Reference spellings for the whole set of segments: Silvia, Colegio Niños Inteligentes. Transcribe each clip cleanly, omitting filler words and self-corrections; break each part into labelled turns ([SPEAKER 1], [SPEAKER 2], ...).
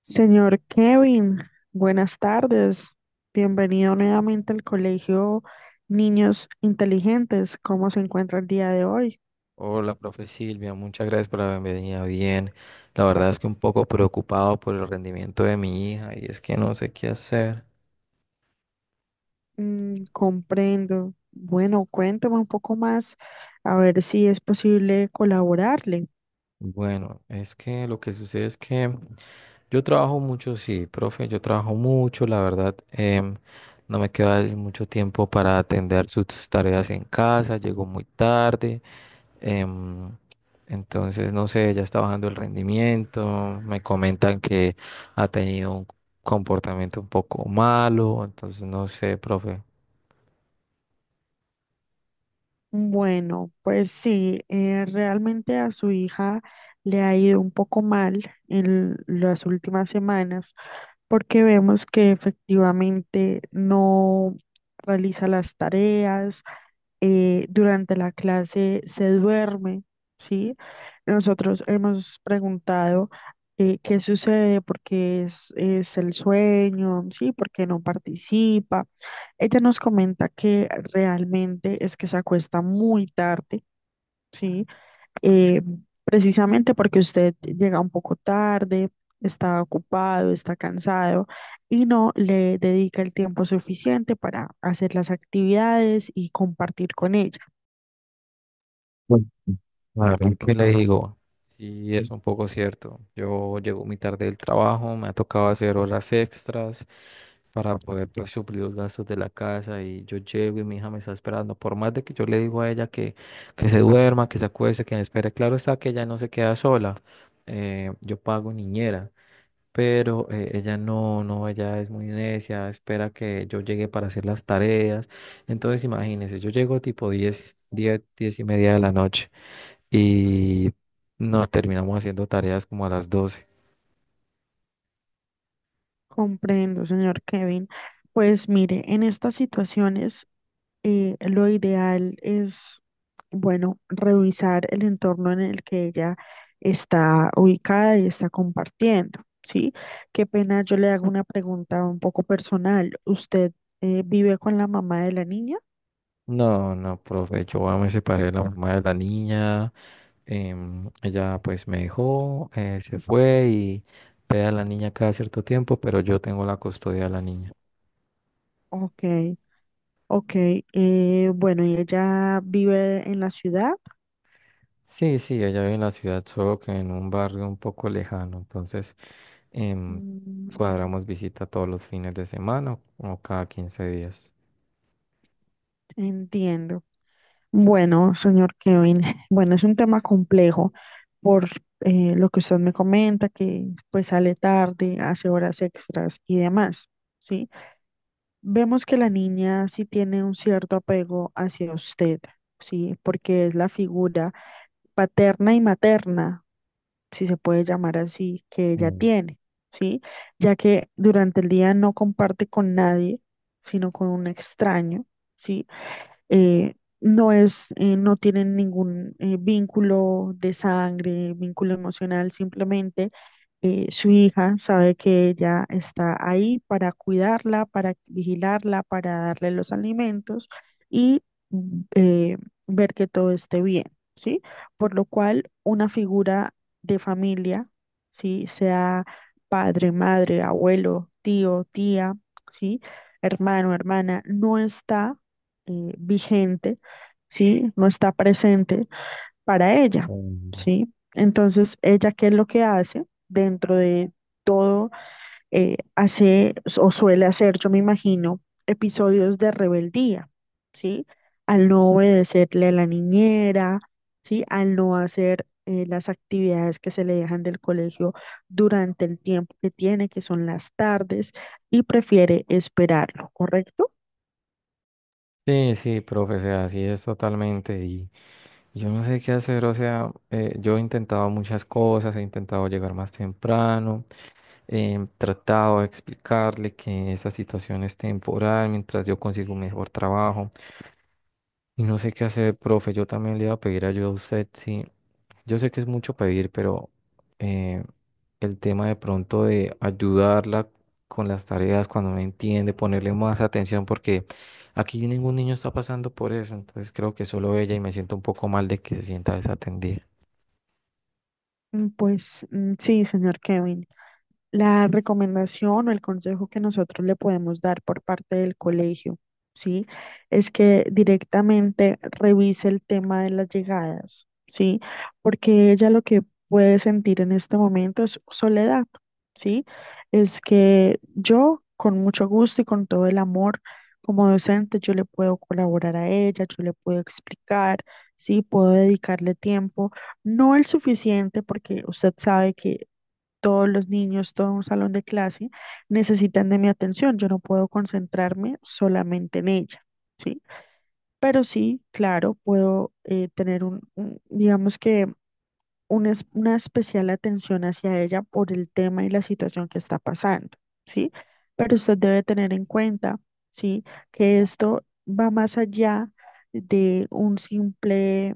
[SPEAKER 1] Señor Kevin, buenas tardes. Bienvenido nuevamente al Colegio Niños Inteligentes. ¿Cómo se encuentra el día de hoy?
[SPEAKER 2] Hola, profe Silvia, muchas gracias por la bienvenida. Bien, la verdad es que un poco preocupado por el rendimiento de mi hija y es que no sé qué hacer.
[SPEAKER 1] Mm, comprendo. Bueno, cuénteme un poco más a ver si es posible colaborarle.
[SPEAKER 2] Bueno, es que lo que sucede es que yo trabajo mucho, sí, profe, yo trabajo mucho, la verdad, no me queda es mucho tiempo para atender sus tareas en casa, llego muy tarde. Em, entonces, no sé, ya está bajando el rendimiento, me comentan que ha tenido un comportamiento un poco malo, entonces no sé, profe.
[SPEAKER 1] Bueno, pues sí, realmente a su hija le ha ido un poco mal en las últimas semanas porque vemos que efectivamente no realiza las tareas, durante la clase se duerme, ¿sí? Nosotros hemos preguntado, qué sucede, es el sueño, ¿sí? ¿Por qué no participa? Ella nos comenta que realmente es que se acuesta muy tarde, ¿sí? Eh, precisamente porque usted llega un poco tarde, está ocupado, está cansado y no le dedica el tiempo suficiente para hacer las actividades y compartir con ella.
[SPEAKER 2] La verdad que le digo, sí es un poco cierto. Yo llego muy tarde del trabajo, me ha tocado hacer horas extras para poder pues, suplir los gastos de la casa y yo llego y mi hija me está esperando. Por más de que yo le digo a ella que se duerma, que se acueste, que me espere, claro está que ella no se queda sola. Yo pago niñera, pero ella no, no, ella es muy necia, espera que yo llegue para hacer las tareas. Entonces imagínense, yo llego tipo 10, 10, 10 y media de la noche y no terminamos haciendo tareas como a las 12.
[SPEAKER 1] Comprendo, señor Kevin. Pues mire, en estas situaciones, eh, lo ideal es, bueno, revisar el entorno en el que ella está ubicada y está compartiendo, ¿sí? Qué pena, yo le hago una pregunta un poco personal. ¿Usted, vive con la mamá de la niña?
[SPEAKER 2] No, no, profe, yo me separé de la mamá de la niña, ella pues me dejó, se fue y pega a la niña cada cierto tiempo, pero yo tengo la custodia de la niña.
[SPEAKER 1] Ok, ok. Eh, bueno, ¿y ella vive en la ciudad?
[SPEAKER 2] Sí, sí, ella vive en la ciudad, solo que en un barrio un poco lejano, entonces em,
[SPEAKER 1] Mm.
[SPEAKER 2] cuadramos visita todos los fines de semana o cada 15 días.
[SPEAKER 1] Entiendo. Bueno, señor Kevin, bueno, es un tema complejo por, lo que usted me comenta, que pues sale tarde, hace horas extras y demás, ¿sí? Vemos que la niña sí tiene un cierto apego hacia usted, ¿sí? Porque es la figura paterna y materna, si se puede llamar así, que ella tiene, ¿sí? Ya que durante el día no comparte con nadie, sino con un extraño, ¿sí? eh, no no tienen ningún vínculo de sangre, vínculo emocional, simplemente, su hija sabe que ella está ahí para cuidarla, para vigilarla, para darle los alimentos y, mm, eh, ver que todo esté bien, ¿sí? Por lo cual, una figura de familia, ¿sí? Sea padre, madre, abuelo, tío, tía, ¿sí? Hermano, hermana, no está vigente, ¿sí? No está presente para ella,
[SPEAKER 2] Entiendo.
[SPEAKER 1] ¿sí? Entonces, ella, ¿qué es lo que hace dentro de todo? Eh, hace o suele hacer, yo me imagino, episodios de rebeldía, ¿sí? Al no obedecerle a la niñera, ¿sí? Al no hacer las actividades que se le dejan del colegio durante el tiempo que tiene, que son las tardes, y prefiere esperarlo, ¿correcto?
[SPEAKER 2] Sí, sí, profe, o sea, así es totalmente. Y yo no sé qué hacer, o sea, yo he intentado muchas cosas, he intentado llegar más temprano, he tratado de explicarle que esa situación es temporal mientras yo consigo un mejor trabajo. Y no sé qué hacer, profe. Yo también le iba a pedir ayuda a usted. Sí, yo sé que es mucho pedir, pero eh, el tema de pronto de ayudarla con las tareas cuando no entiende, ponerle más atención, porque aquí ningún niño está pasando por eso. Entonces creo que solo ella y me siento un poco mal de que se sienta desatendida.
[SPEAKER 1] Mm, pues mm, sí, señor Kevin, la recomendación o el consejo que nosotros le podemos dar por parte del colegio, ¿sí? Es que directamente revise el tema de las llegadas, ¿sí? Porque ella lo que puede sentir en este momento es soledad, ¿sí? Es que yo, con mucho gusto y con todo el amor, como docente, yo le puedo colaborar a ella, yo le puedo explicar, ¿sí? Puedo dedicarle tiempo. No el suficiente, porque usted sabe que todos los niños, todo un salón de clase necesitan de mi atención. Yo no puedo concentrarme solamente en ella, ¿sí? Pero sí, claro, puedo, tener digamos que una especial atención hacia ella por el tema y la situación que está pasando, ¿sí? Pero usted debe tener en cuenta, ¿sí? Que esto va más allá de un simple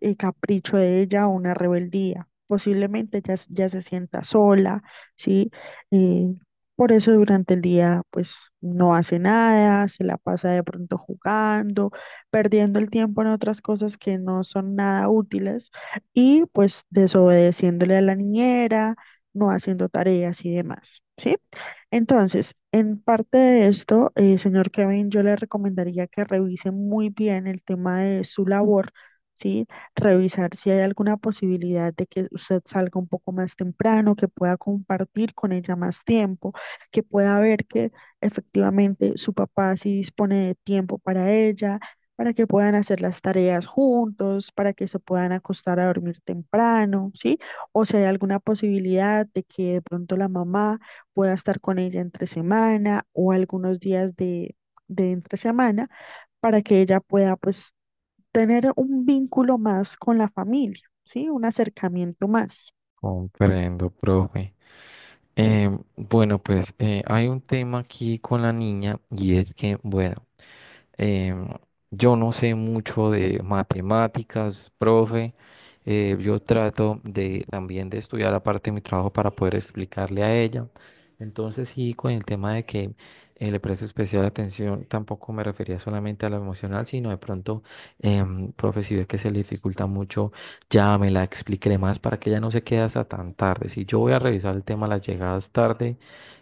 [SPEAKER 1] capricho de ella o una rebeldía. Posiblemente ya se sienta sola, ¿sí? Eh, por eso durante el día, pues, no hace nada, se la pasa de pronto jugando, perdiendo el tiempo en otras cosas que no son nada útiles y pues desobedeciéndole a la niñera, no haciendo tareas y demás, ¿sí? Entonces, en parte de esto, señor Kevin, yo le recomendaría que revise muy bien el tema de su labor, ¿sí? Revisar si hay alguna posibilidad de que usted salga un poco más temprano, que pueda compartir con ella más tiempo, que pueda ver que efectivamente su papá sí dispone de tiempo para ella, para que puedan hacer las tareas juntos, para que se puedan acostar a dormir temprano, ¿sí? O si hay alguna posibilidad de que de pronto la mamá pueda estar con ella entre semana o algunos días de entre semana, para que ella pueda pues tener un vínculo más con la familia, ¿sí? Un acercamiento más.
[SPEAKER 2] Comprendo, profe. Eh, bueno, pues hay un tema aquí con la niña y es que, bueno. Eh, yo no sé mucho de matemáticas, profe. Yo trato de también de estudiar aparte de mi trabajo para poder explicarle a ella. Entonces, sí, con el tema de que le preste especial atención, tampoco me refería solamente a lo emocional, sino de pronto, profe, si ve que se le dificulta mucho, ya me la expliqué más para que ella no se quede hasta tan tarde. Si yo voy a revisar el tema de las llegadas tarde,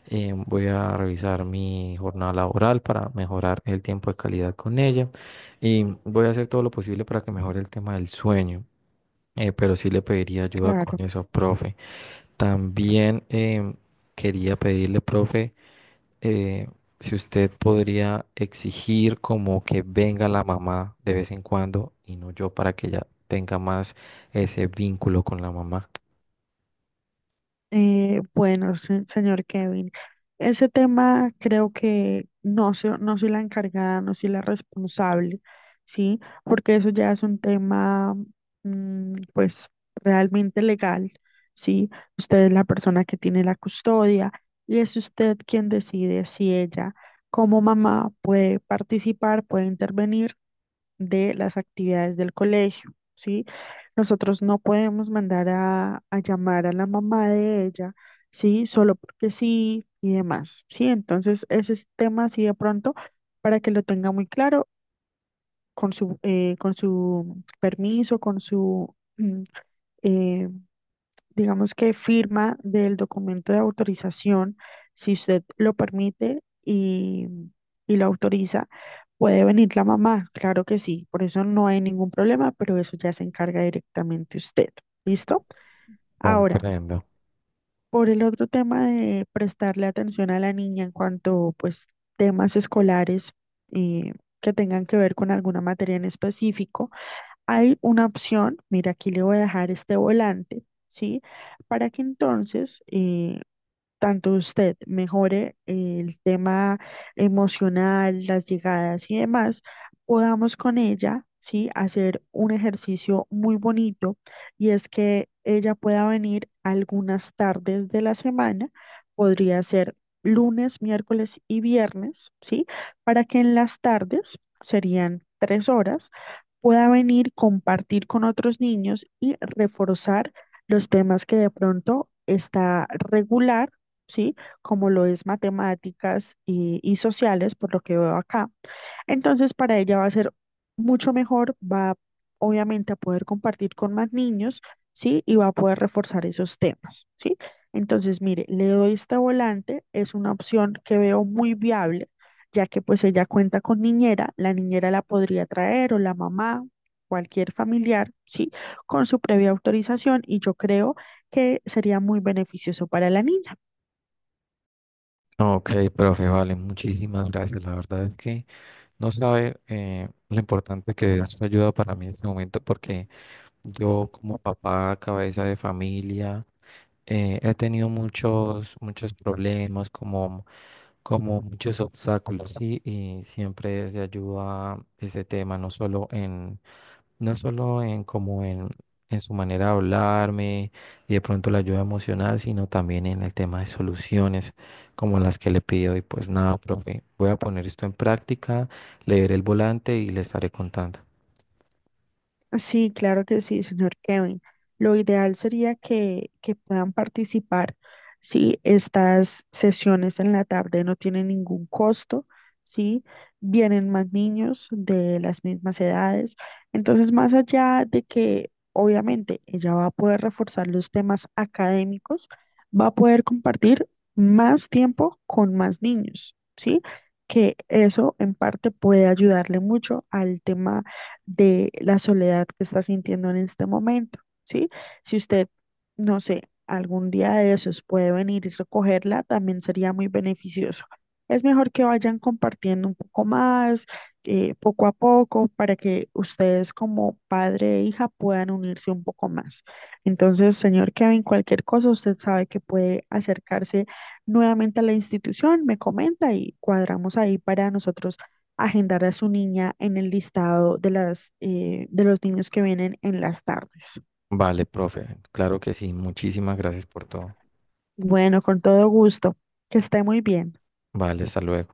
[SPEAKER 2] voy a revisar mi jornada laboral para mejorar el tiempo de calidad con ella y voy a hacer todo lo posible para que mejore el tema del sueño, pero sí le pediría ayuda
[SPEAKER 1] Claro.
[SPEAKER 2] con eso, profe. También quería pedirle, profe, eh, si usted podría exigir como que venga la mamá de vez en cuando y no yo para que ella tenga más ese vínculo con la mamá.
[SPEAKER 1] Señor Kevin, ese tema creo que no soy la encargada, no soy la responsable, ¿sí? Porque eso ya es un tema, pues, realmente legal, ¿sí? Usted es la persona que tiene la custodia y es usted quien decide si ella, como mamá, puede participar, puede intervenir de las actividades del colegio, ¿sí? Nosotros no podemos mandar a llamar a la mamá de ella, ¿sí? Solo porque sí y demás, ¿sí? Entonces, ese es tema así de pronto, para que lo tenga muy claro, con con su permiso, eh, digamos que firma del documento de autorización, si usted lo permite y lo autoriza, puede venir la mamá, claro que sí, por eso no hay ningún problema, pero eso ya se encarga directamente usted, ¿listo? Ahora,
[SPEAKER 2] Comprendo.
[SPEAKER 1] por el otro tema de prestarle atención a la niña en cuanto, pues, temas escolares, eh, que tengan que ver con alguna materia en específico. Hay una opción, mira, aquí le voy a dejar este volante, ¿sí? Para que entonces, tanto usted mejore el tema emocional, las llegadas y demás, podamos con ella, ¿sí? Hacer un ejercicio muy bonito y es que ella pueda venir algunas tardes de la semana, podría ser lunes, miércoles y viernes, ¿sí? Para que en las tardes, serían 3 horas, pueda venir, compartir con otros niños y reforzar los temas que de pronto está regular, ¿sí? Como lo es matemáticas y sociales, por lo que veo acá. Entonces, para ella va a ser mucho mejor, va obviamente a poder compartir con más niños, ¿sí? Y va a poder reforzar esos temas, ¿sí? Entonces, mire, le doy este volante, es una opción que veo muy viable, ya que pues ella cuenta con niñera la podría traer o la mamá, cualquier familiar, ¿sí? Con su previa autorización y yo creo que sería muy beneficioso para la niña.
[SPEAKER 2] Ok, profe, vale, muchísimas gracias. La verdad es que... No sabe lo importante que es su ayuda para mí en este momento porque yo como papá, cabeza de familia, he tenido muchos problemas como muchos obstáculos, ¿sí? Y siempre es de ayuda ese tema, no solo en como en su manera de hablarme y de pronto la ayuda emocional, sino también en el tema de soluciones como las que le pido. Y pues nada, profe, voy a poner esto en práctica, leer el volante y le estaré contando.
[SPEAKER 1] Sí, claro que sí, señor Kevin. Lo ideal sería que puedan participar si estas sesiones en la tarde no tienen ningún costo, ¿sí? Vienen más niños de las mismas edades. Entonces, más allá de que obviamente ella va a poder reforzar los temas académicos, va a poder compartir más tiempo con más niños, ¿sí? Que eso en parte puede ayudarle mucho al tema de la soledad que está sintiendo en este momento, ¿sí? Si usted, no sé, algún día de esos puede venir y recogerla, también sería muy beneficioso. Es mejor que vayan compartiendo un poco más, poco a poco, para que ustedes como padre e hija puedan unirse un poco más. Entonces, señor Kevin, cualquier cosa, usted sabe que puede acercarse nuevamente a la institución, me comenta y cuadramos ahí para nosotros agendar a su niña en el listado de de los niños que vienen en las tardes.
[SPEAKER 2] Vale, profe, claro que sí, muchísimas gracias por todo.
[SPEAKER 1] Bueno, con todo gusto. Que esté muy bien.
[SPEAKER 2] Vale, hasta luego.